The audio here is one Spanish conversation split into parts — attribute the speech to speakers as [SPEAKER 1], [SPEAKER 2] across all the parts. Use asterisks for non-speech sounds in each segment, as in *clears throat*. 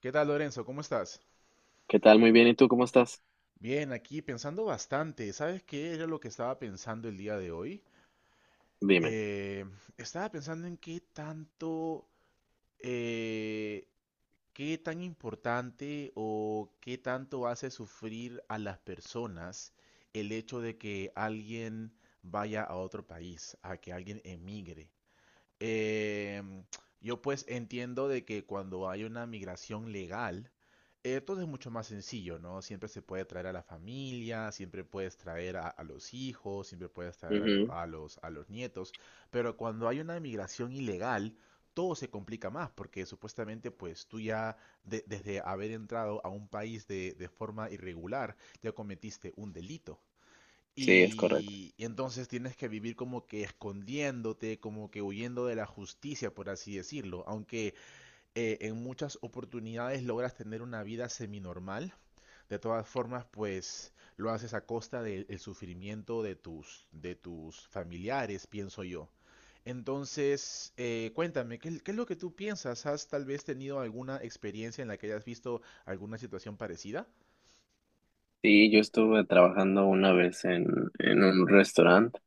[SPEAKER 1] ¿Qué tal, Lorenzo? ¿Cómo estás?
[SPEAKER 2] ¿Qué tal? Muy bien. ¿Y tú cómo estás?
[SPEAKER 1] Bien, aquí pensando bastante. ¿Sabes qué era lo que estaba pensando el día de hoy?
[SPEAKER 2] Dime.
[SPEAKER 1] Eh, Estaba pensando en qué tanto, eh, qué tan importante o qué tanto hace sufrir a las personas el hecho de que alguien vaya a otro país, a que alguien emigre. Eh, yo pues entiendo de que cuando hay una migración legal, todo es mucho más sencillo, ¿no? Siempre se puede traer a la familia, siempre puedes traer a los hijos, siempre puedes traer a los,
[SPEAKER 2] Ujú.
[SPEAKER 1] a los, a los nietos, pero cuando hay una migración ilegal, todo se complica más porque supuestamente pues tú ya desde haber entrado a un país de forma irregular ya cometiste un delito.
[SPEAKER 2] Sí, es correcto.
[SPEAKER 1] Y entonces tienes que vivir como que escondiéndote, como que huyendo de la justicia, por así decirlo. Aunque en muchas oportunidades logras tener una vida seminormal, de todas formas, pues lo haces a costa del el sufrimiento de tus familiares, pienso yo. Entonces, cuéntame, qué es lo que tú piensas? ¿Has tal vez tenido alguna experiencia en la que hayas visto alguna situación parecida?
[SPEAKER 2] Sí, yo estuve trabajando una vez en un restaurante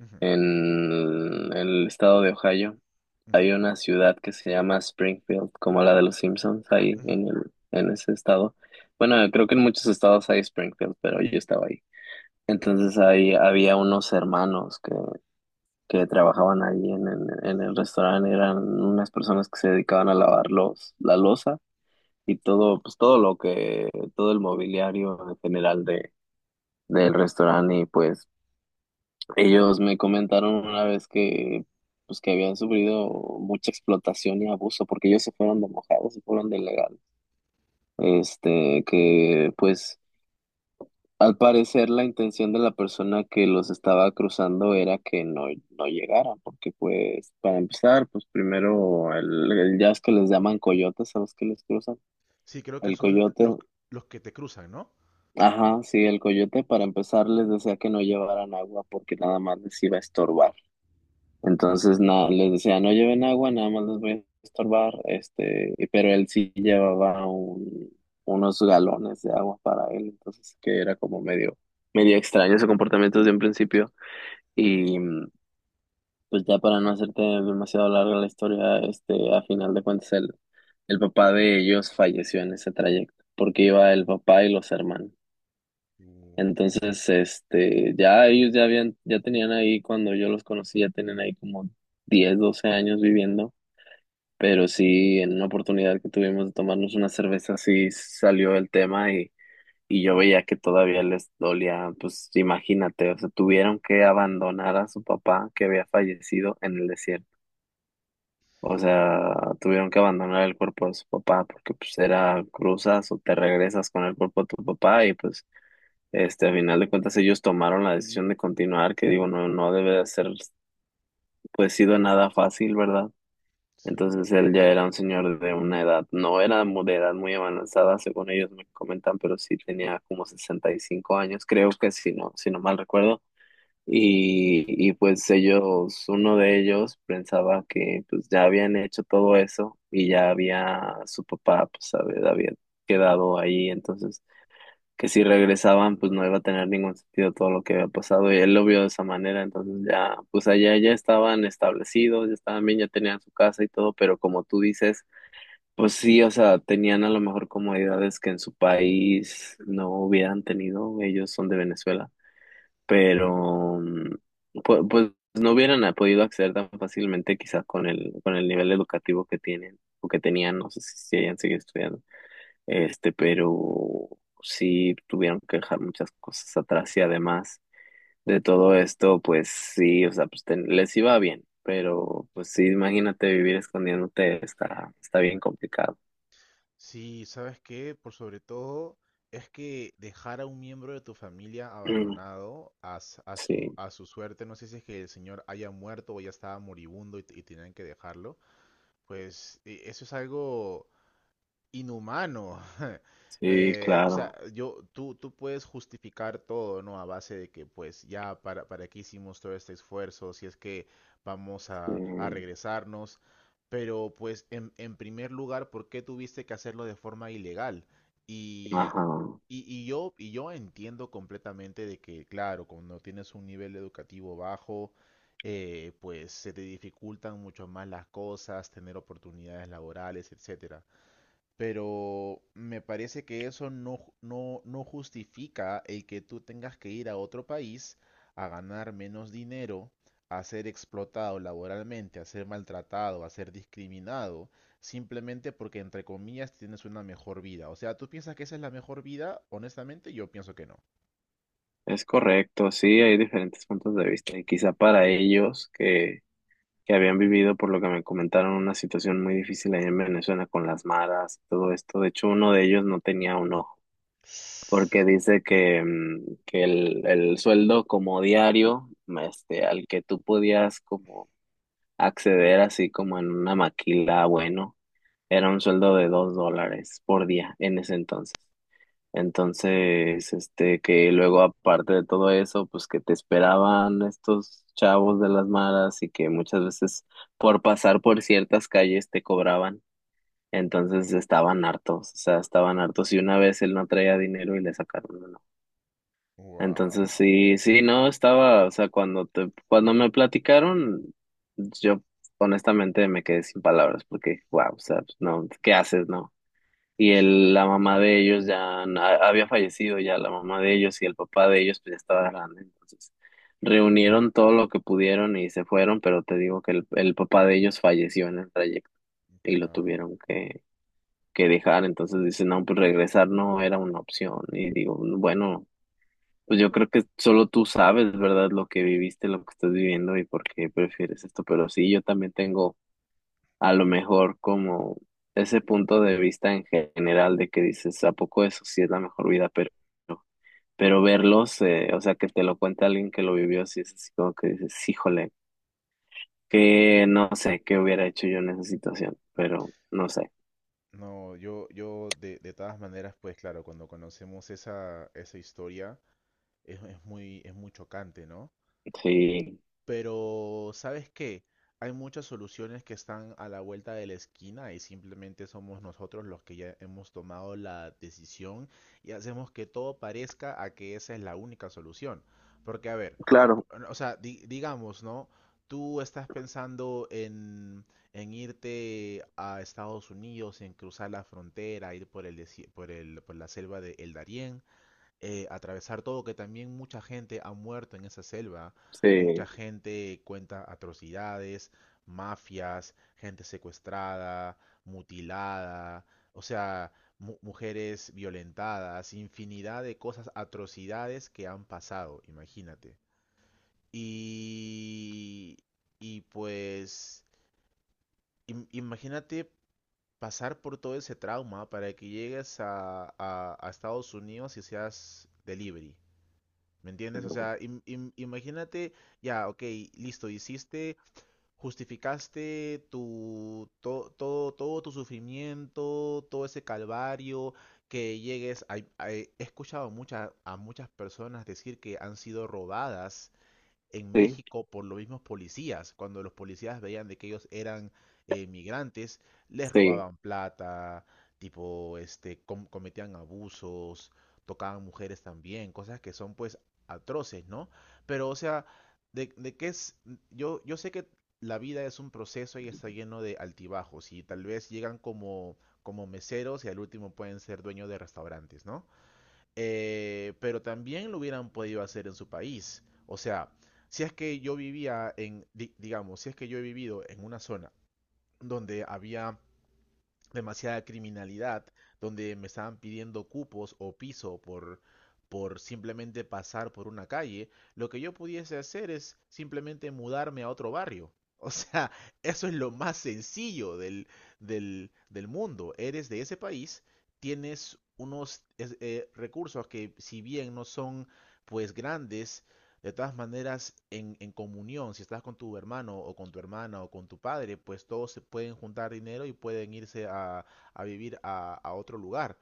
[SPEAKER 1] Ujú,
[SPEAKER 2] en el estado de Ohio.
[SPEAKER 1] ujú,
[SPEAKER 2] Hay una ciudad que se llama Springfield, como la de los Simpsons, ahí
[SPEAKER 1] ujú.
[SPEAKER 2] en el, en ese estado. Bueno, creo que en muchos estados hay Springfield, pero yo estaba ahí. Entonces ahí había unos hermanos que trabajaban ahí en el restaurante. Eran unas personas que se dedicaban a lavar la loza y todo, pues todo lo que, todo el mobiliario en general del restaurante y pues ellos me comentaron una vez que pues que habían sufrido mucha explotación y abuso porque ellos se fueron de mojados, se fueron de legal. Este, que pues al parecer la intención de la persona que los estaba cruzando era que no, no llegaran porque pues para empezar, pues primero el ya es que les llaman coyotes a los que les cruzan.
[SPEAKER 1] Sí, creo que
[SPEAKER 2] El
[SPEAKER 1] son
[SPEAKER 2] coyote.
[SPEAKER 1] los que te cruzan, ¿no?
[SPEAKER 2] Ajá, sí, el coyote para empezar les decía que no llevaran agua porque nada más les iba a estorbar. Entonces no, les decía no lleven agua, nada más les voy a estorbar, este, pero él sí llevaba unos galones de agua para él, entonces que era como medio, medio extraño su comportamiento desde un principio. Y pues ya para no hacerte demasiado larga la historia, este, a final de cuentas el papá de ellos falleció en ese trayecto, porque iba el papá y los hermanos.
[SPEAKER 1] Uy,
[SPEAKER 2] Entonces, este, ya ellos ya habían, ya tenían ahí, cuando yo los conocí, ya tenían ahí como 10 12 años viviendo, pero sí, en una oportunidad que tuvimos de tomarnos una cerveza, sí salió el tema y yo veía que todavía les dolía, pues imagínate, o sea, tuvieron que abandonar a su papá que había fallecido en el desierto. O sea, tuvieron que abandonar el cuerpo de su papá porque pues era cruzas o te regresas con el cuerpo de tu papá y pues este, a final de cuentas, ellos tomaron la decisión de continuar, que digo, no, no debe de ser, pues, sido nada fácil, ¿verdad?
[SPEAKER 1] sí.
[SPEAKER 2] Entonces él ya era un señor de una edad, no era de edad muy avanzada, según ellos me comentan, pero sí tenía como 65 años, creo que si no mal recuerdo. Y pues ellos, uno de ellos pensaba que pues ya habían hecho todo eso y ya había su papá, pues, sabe había quedado ahí, entonces que si regresaban, pues no iba a tener ningún sentido todo lo que había pasado y él lo vio de esa manera, entonces ya, pues allá ya estaban establecidos, ya estaban bien, ya tenían su casa y todo, pero como tú dices, pues sí, o sea, tenían a lo mejor comodidades que en su país no hubieran tenido, ellos son de Venezuela, pero pues, no hubieran podido acceder tan fácilmente quizás con el nivel educativo que tienen o que tenían, no sé si hayan seguido estudiando. Este, pero sí tuvieron que dejar muchas cosas atrás y además de todo esto, pues sí, o sea, pues les iba bien, pero pues sí, imagínate vivir escondiéndote, está bien complicado. *clears throat*
[SPEAKER 1] Sí, ¿sabes qué? Por sobre todo es que dejar a un miembro de tu familia
[SPEAKER 2] Mm.
[SPEAKER 1] abandonado a,
[SPEAKER 2] Sí,
[SPEAKER 1] a su suerte, no sé si es que el señor haya muerto o ya estaba moribundo y, y tenían que dejarlo, pues eso es algo inhumano. *laughs*
[SPEAKER 2] sí,
[SPEAKER 1] O sea,
[SPEAKER 2] claro.
[SPEAKER 1] yo, tú puedes justificar todo, ¿no? A base de que, pues, ya, para qué hicimos todo este esfuerzo, si es que vamos
[SPEAKER 2] Sí,
[SPEAKER 1] a regresarnos. Pero, pues, en primer lugar, ¿por qué tuviste que hacerlo de forma ilegal? Y,
[SPEAKER 2] ajá.
[SPEAKER 1] y yo, y yo entiendo completamente de que, claro, cuando tienes un nivel educativo bajo, pues se te dificultan mucho más las cosas, tener oportunidades laborales, etcétera. Pero me parece que eso no, no, no justifica el que tú tengas que ir a otro país a ganar menos dinero, a ser explotado laboralmente, a ser maltratado, a ser discriminado, simplemente porque, entre comillas, tienes una mejor vida. O sea, ¿tú piensas que esa es la mejor vida? Honestamente, yo pienso que no.
[SPEAKER 2] Es correcto, sí, hay diferentes puntos de vista y quizá para ellos que habían vivido, por lo que me comentaron, una situación muy difícil allá en Venezuela con las maras, todo esto, de hecho uno de ellos no tenía un ojo porque dice que, que el sueldo como diario, este, al que tú podías como acceder así como en una maquila, bueno, era un sueldo de $2 por día en ese entonces. Entonces, este, que luego aparte de todo eso, pues que te esperaban estos chavos de las maras y que muchas veces por pasar por ciertas calles te cobraban. Entonces estaban hartos, o sea, estaban hartos y una vez él no traía dinero y le sacaron
[SPEAKER 1] Wow,
[SPEAKER 2] entonces sí, sí, no estaba, o sea, cuando me platicaron, yo honestamente me quedé sin palabras porque, wow, o sea, pues, no, ¿qué haces, no? Y
[SPEAKER 1] sí,
[SPEAKER 2] la mamá de ellos ya había fallecido ya, la mamá de ellos y el papá de ellos pues ya estaba grande, entonces reunieron todo lo que pudieron y se fueron, pero te digo que el papá de ellos falleció en el trayecto y lo
[SPEAKER 1] claro.
[SPEAKER 2] tuvieron que dejar. Entonces dicen no, pues regresar no era una opción. Y digo, bueno, pues yo creo que solo tú sabes, ¿verdad? Lo que viviste, lo que estás viviendo y por qué prefieres esto. Pero sí, yo también tengo a lo mejor como ese punto de vista en general de que dices, ¿a poco eso sí es la mejor vida? Pero verlos, o sea, que te lo cuente alguien que lo vivió, sí es así como que dices, híjole, que no sé qué hubiera hecho yo en esa situación, pero no sé.
[SPEAKER 1] No, yo de todas maneras, pues claro, cuando conocemos esa, esa historia, es muy chocante, ¿no?
[SPEAKER 2] Sí,
[SPEAKER 1] Pero, ¿sabes qué? Hay muchas soluciones que están a la vuelta de la esquina y simplemente somos nosotros los que ya hemos tomado la decisión y hacemos que todo parezca a que esa es la única solución. Porque, a ver,
[SPEAKER 2] claro,
[SPEAKER 1] o sea, digamos, ¿no? Tú estás pensando en irte a Estados Unidos, en cruzar la frontera, ir por el, por el, por la selva de El Darién, atravesar todo, que también mucha gente ha muerto en esa selva, mucha
[SPEAKER 2] sí,
[SPEAKER 1] gente cuenta atrocidades, mafias, gente secuestrada, mutilada, o sea, mujeres violentadas, infinidad de cosas, atrocidades que han pasado, imagínate. Y, y pues, imagínate pasar por todo ese trauma para que llegues a, a Estados Unidos y seas delivery. ¿Me entiendes? O sea, imagínate, ya, ok, listo, hiciste, justificaste tu, todo, todo tu sufrimiento, todo ese calvario, que llegues a- he escuchado a muchas personas decir que han sido robadas en
[SPEAKER 2] sí,
[SPEAKER 1] México por los mismos policías. Cuando los policías veían de que ellos eran migrantes, les
[SPEAKER 2] sí,
[SPEAKER 1] robaban plata, tipo, este, cometían abusos, tocaban mujeres también, cosas que son pues atroces, ¿no? Pero, o sea, de qué es, yo sé que la vida es un proceso y está lleno de altibajos y tal vez llegan como, como meseros y al último pueden ser dueños de restaurantes, ¿no? Pero también lo hubieran podido hacer en su país. O sea, si es que yo vivía en, digamos, si es que yo he vivido en una zona donde había demasiada criminalidad, donde me estaban pidiendo cupos o piso por simplemente pasar por una calle, lo que yo pudiese hacer es simplemente mudarme a otro barrio. O sea, *laughs* eso es lo más sencillo del mundo. Eres de ese país, tienes unos recursos que si bien no son pues grandes, de todas maneras, en comunión, si estás con tu hermano o con tu hermana o con tu padre, pues todos se pueden juntar dinero y pueden irse a vivir a otro lugar.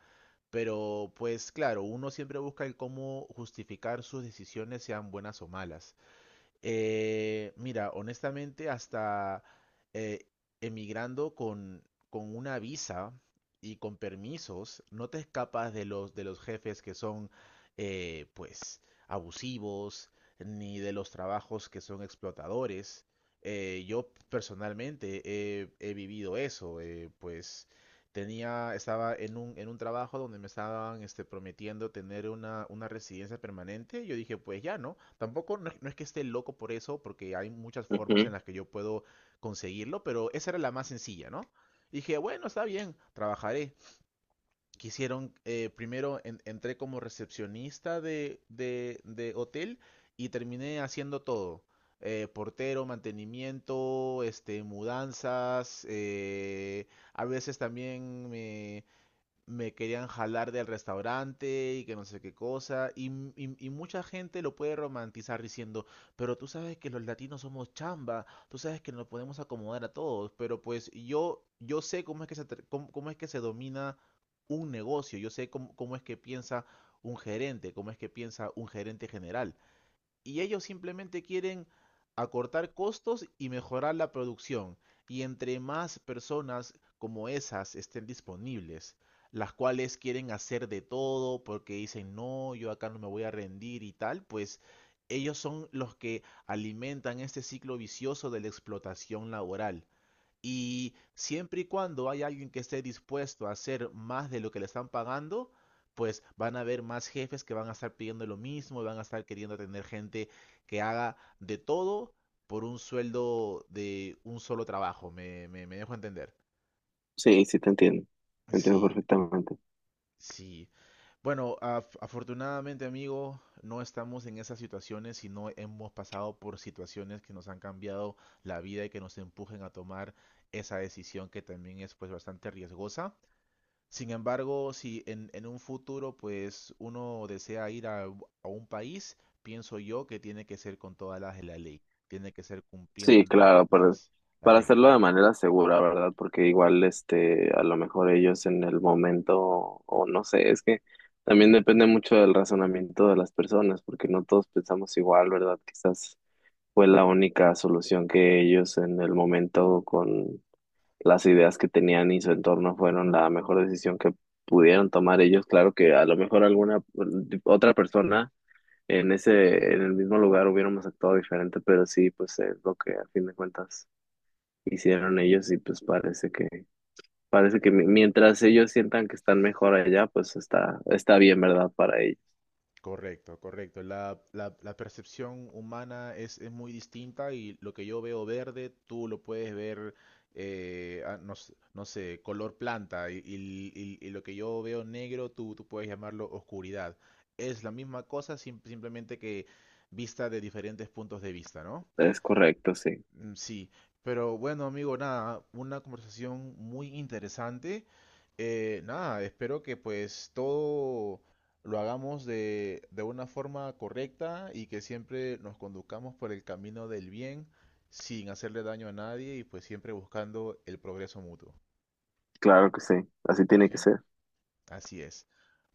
[SPEAKER 1] Pero pues claro, uno siempre busca el cómo justificar sus decisiones, sean buenas o malas. Mira, honestamente, hasta eh, emigrando con una visa y con permisos, no te escapas de los jefes que son, pues, abusivos, ni de los trabajos que son explotadores. Yo personalmente he, he vivido eso, pues tenía, estaba en un trabajo donde me estaban este, prometiendo tener una residencia permanente. Yo dije, pues ya, ¿no? Tampoco no, no es que esté loco por eso, porque hay muchas formas en
[SPEAKER 2] ujú.
[SPEAKER 1] las que yo puedo conseguirlo, pero esa era la más sencilla, ¿no? Dije, bueno, está bien, trabajaré quisieron, primero entré como recepcionista de hotel y terminé haciendo todo. Portero, mantenimiento, este, mudanzas, a veces también me querían jalar del restaurante y que no sé qué cosa. Y, y mucha gente lo puede romantizar diciendo, pero tú sabes que los latinos somos chamba, tú sabes que nos podemos acomodar a todos, pero pues yo sé cómo es que se, cómo, cómo es que se domina un negocio, yo sé cómo, cómo es que piensa un gerente, cómo es que piensa un gerente general y ellos simplemente quieren acortar costos y mejorar la producción. Y entre más personas como esas estén disponibles, las cuales quieren hacer de todo porque dicen, no, yo acá no me voy a rendir y tal, pues ellos son los que alimentan este ciclo vicioso de la explotación laboral. Y siempre y cuando hay alguien que esté dispuesto a hacer más de lo que le están pagando, pues van a haber más jefes que van a estar pidiendo lo mismo y van a estar queriendo tener gente que haga de todo por un sueldo de un solo trabajo. Me dejo entender.
[SPEAKER 2] Sí, sí te entiendo
[SPEAKER 1] Sí,
[SPEAKER 2] perfectamente.
[SPEAKER 1] sí. Bueno, afortunadamente, amigo, no estamos en esas situaciones, sino hemos pasado por situaciones que nos han cambiado la vida y que nos empujen a tomar esa decisión que también es pues bastante riesgosa. Sin embargo, si en, en un futuro pues uno desea ir a, a un país, pienso yo que tiene que ser con todas las de la ley, tiene que ser cumpliendo
[SPEAKER 2] Sí, claro,
[SPEAKER 1] las
[SPEAKER 2] para
[SPEAKER 1] reglas,
[SPEAKER 2] hacerlo
[SPEAKER 1] ¿no?
[SPEAKER 2] de manera segura, ¿verdad? Porque igual, este, a lo mejor ellos en el momento, o no sé, es que también depende mucho del razonamiento de las personas, porque no todos pensamos igual, ¿verdad? Quizás fue la única solución que ellos en el momento con las ideas que tenían y su entorno fueron la mejor decisión que pudieron tomar ellos. Claro que a lo mejor alguna otra persona en el mismo lugar hubiéramos actuado diferente, pero sí, pues es lo que a fin de cuentas hicieron ellos y pues parece que mientras ellos sientan que están mejor allá, pues está bien, ¿verdad? Para ellos.
[SPEAKER 1] Correcto, correcto. La, la percepción humana es muy distinta y lo que yo veo verde, tú lo puedes ver, ah, no, sé, no sé, color planta y, y lo que yo veo negro, tú puedes llamarlo oscuridad. Es la misma cosa, simplemente que vista de diferentes puntos de vista, ¿no?
[SPEAKER 2] Es correcto, sí.
[SPEAKER 1] Mm, sí, pero bueno, amigo, nada, una conversación muy interesante. Nada, espero que pues todo lo hagamos de una forma correcta y que siempre nos conduzcamos por el camino del bien sin hacerle daño a nadie y pues siempre buscando el progreso mutuo,
[SPEAKER 2] Claro que sí. Así tiene que
[SPEAKER 1] ¿sí?
[SPEAKER 2] ser.
[SPEAKER 1] Así es.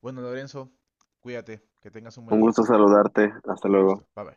[SPEAKER 1] Bueno, Lorenzo, cuídate, que tengas un buen
[SPEAKER 2] Un
[SPEAKER 1] día.
[SPEAKER 2] gusto saludarte. Hasta
[SPEAKER 1] Un
[SPEAKER 2] luego.
[SPEAKER 1] gusto. Bye bye.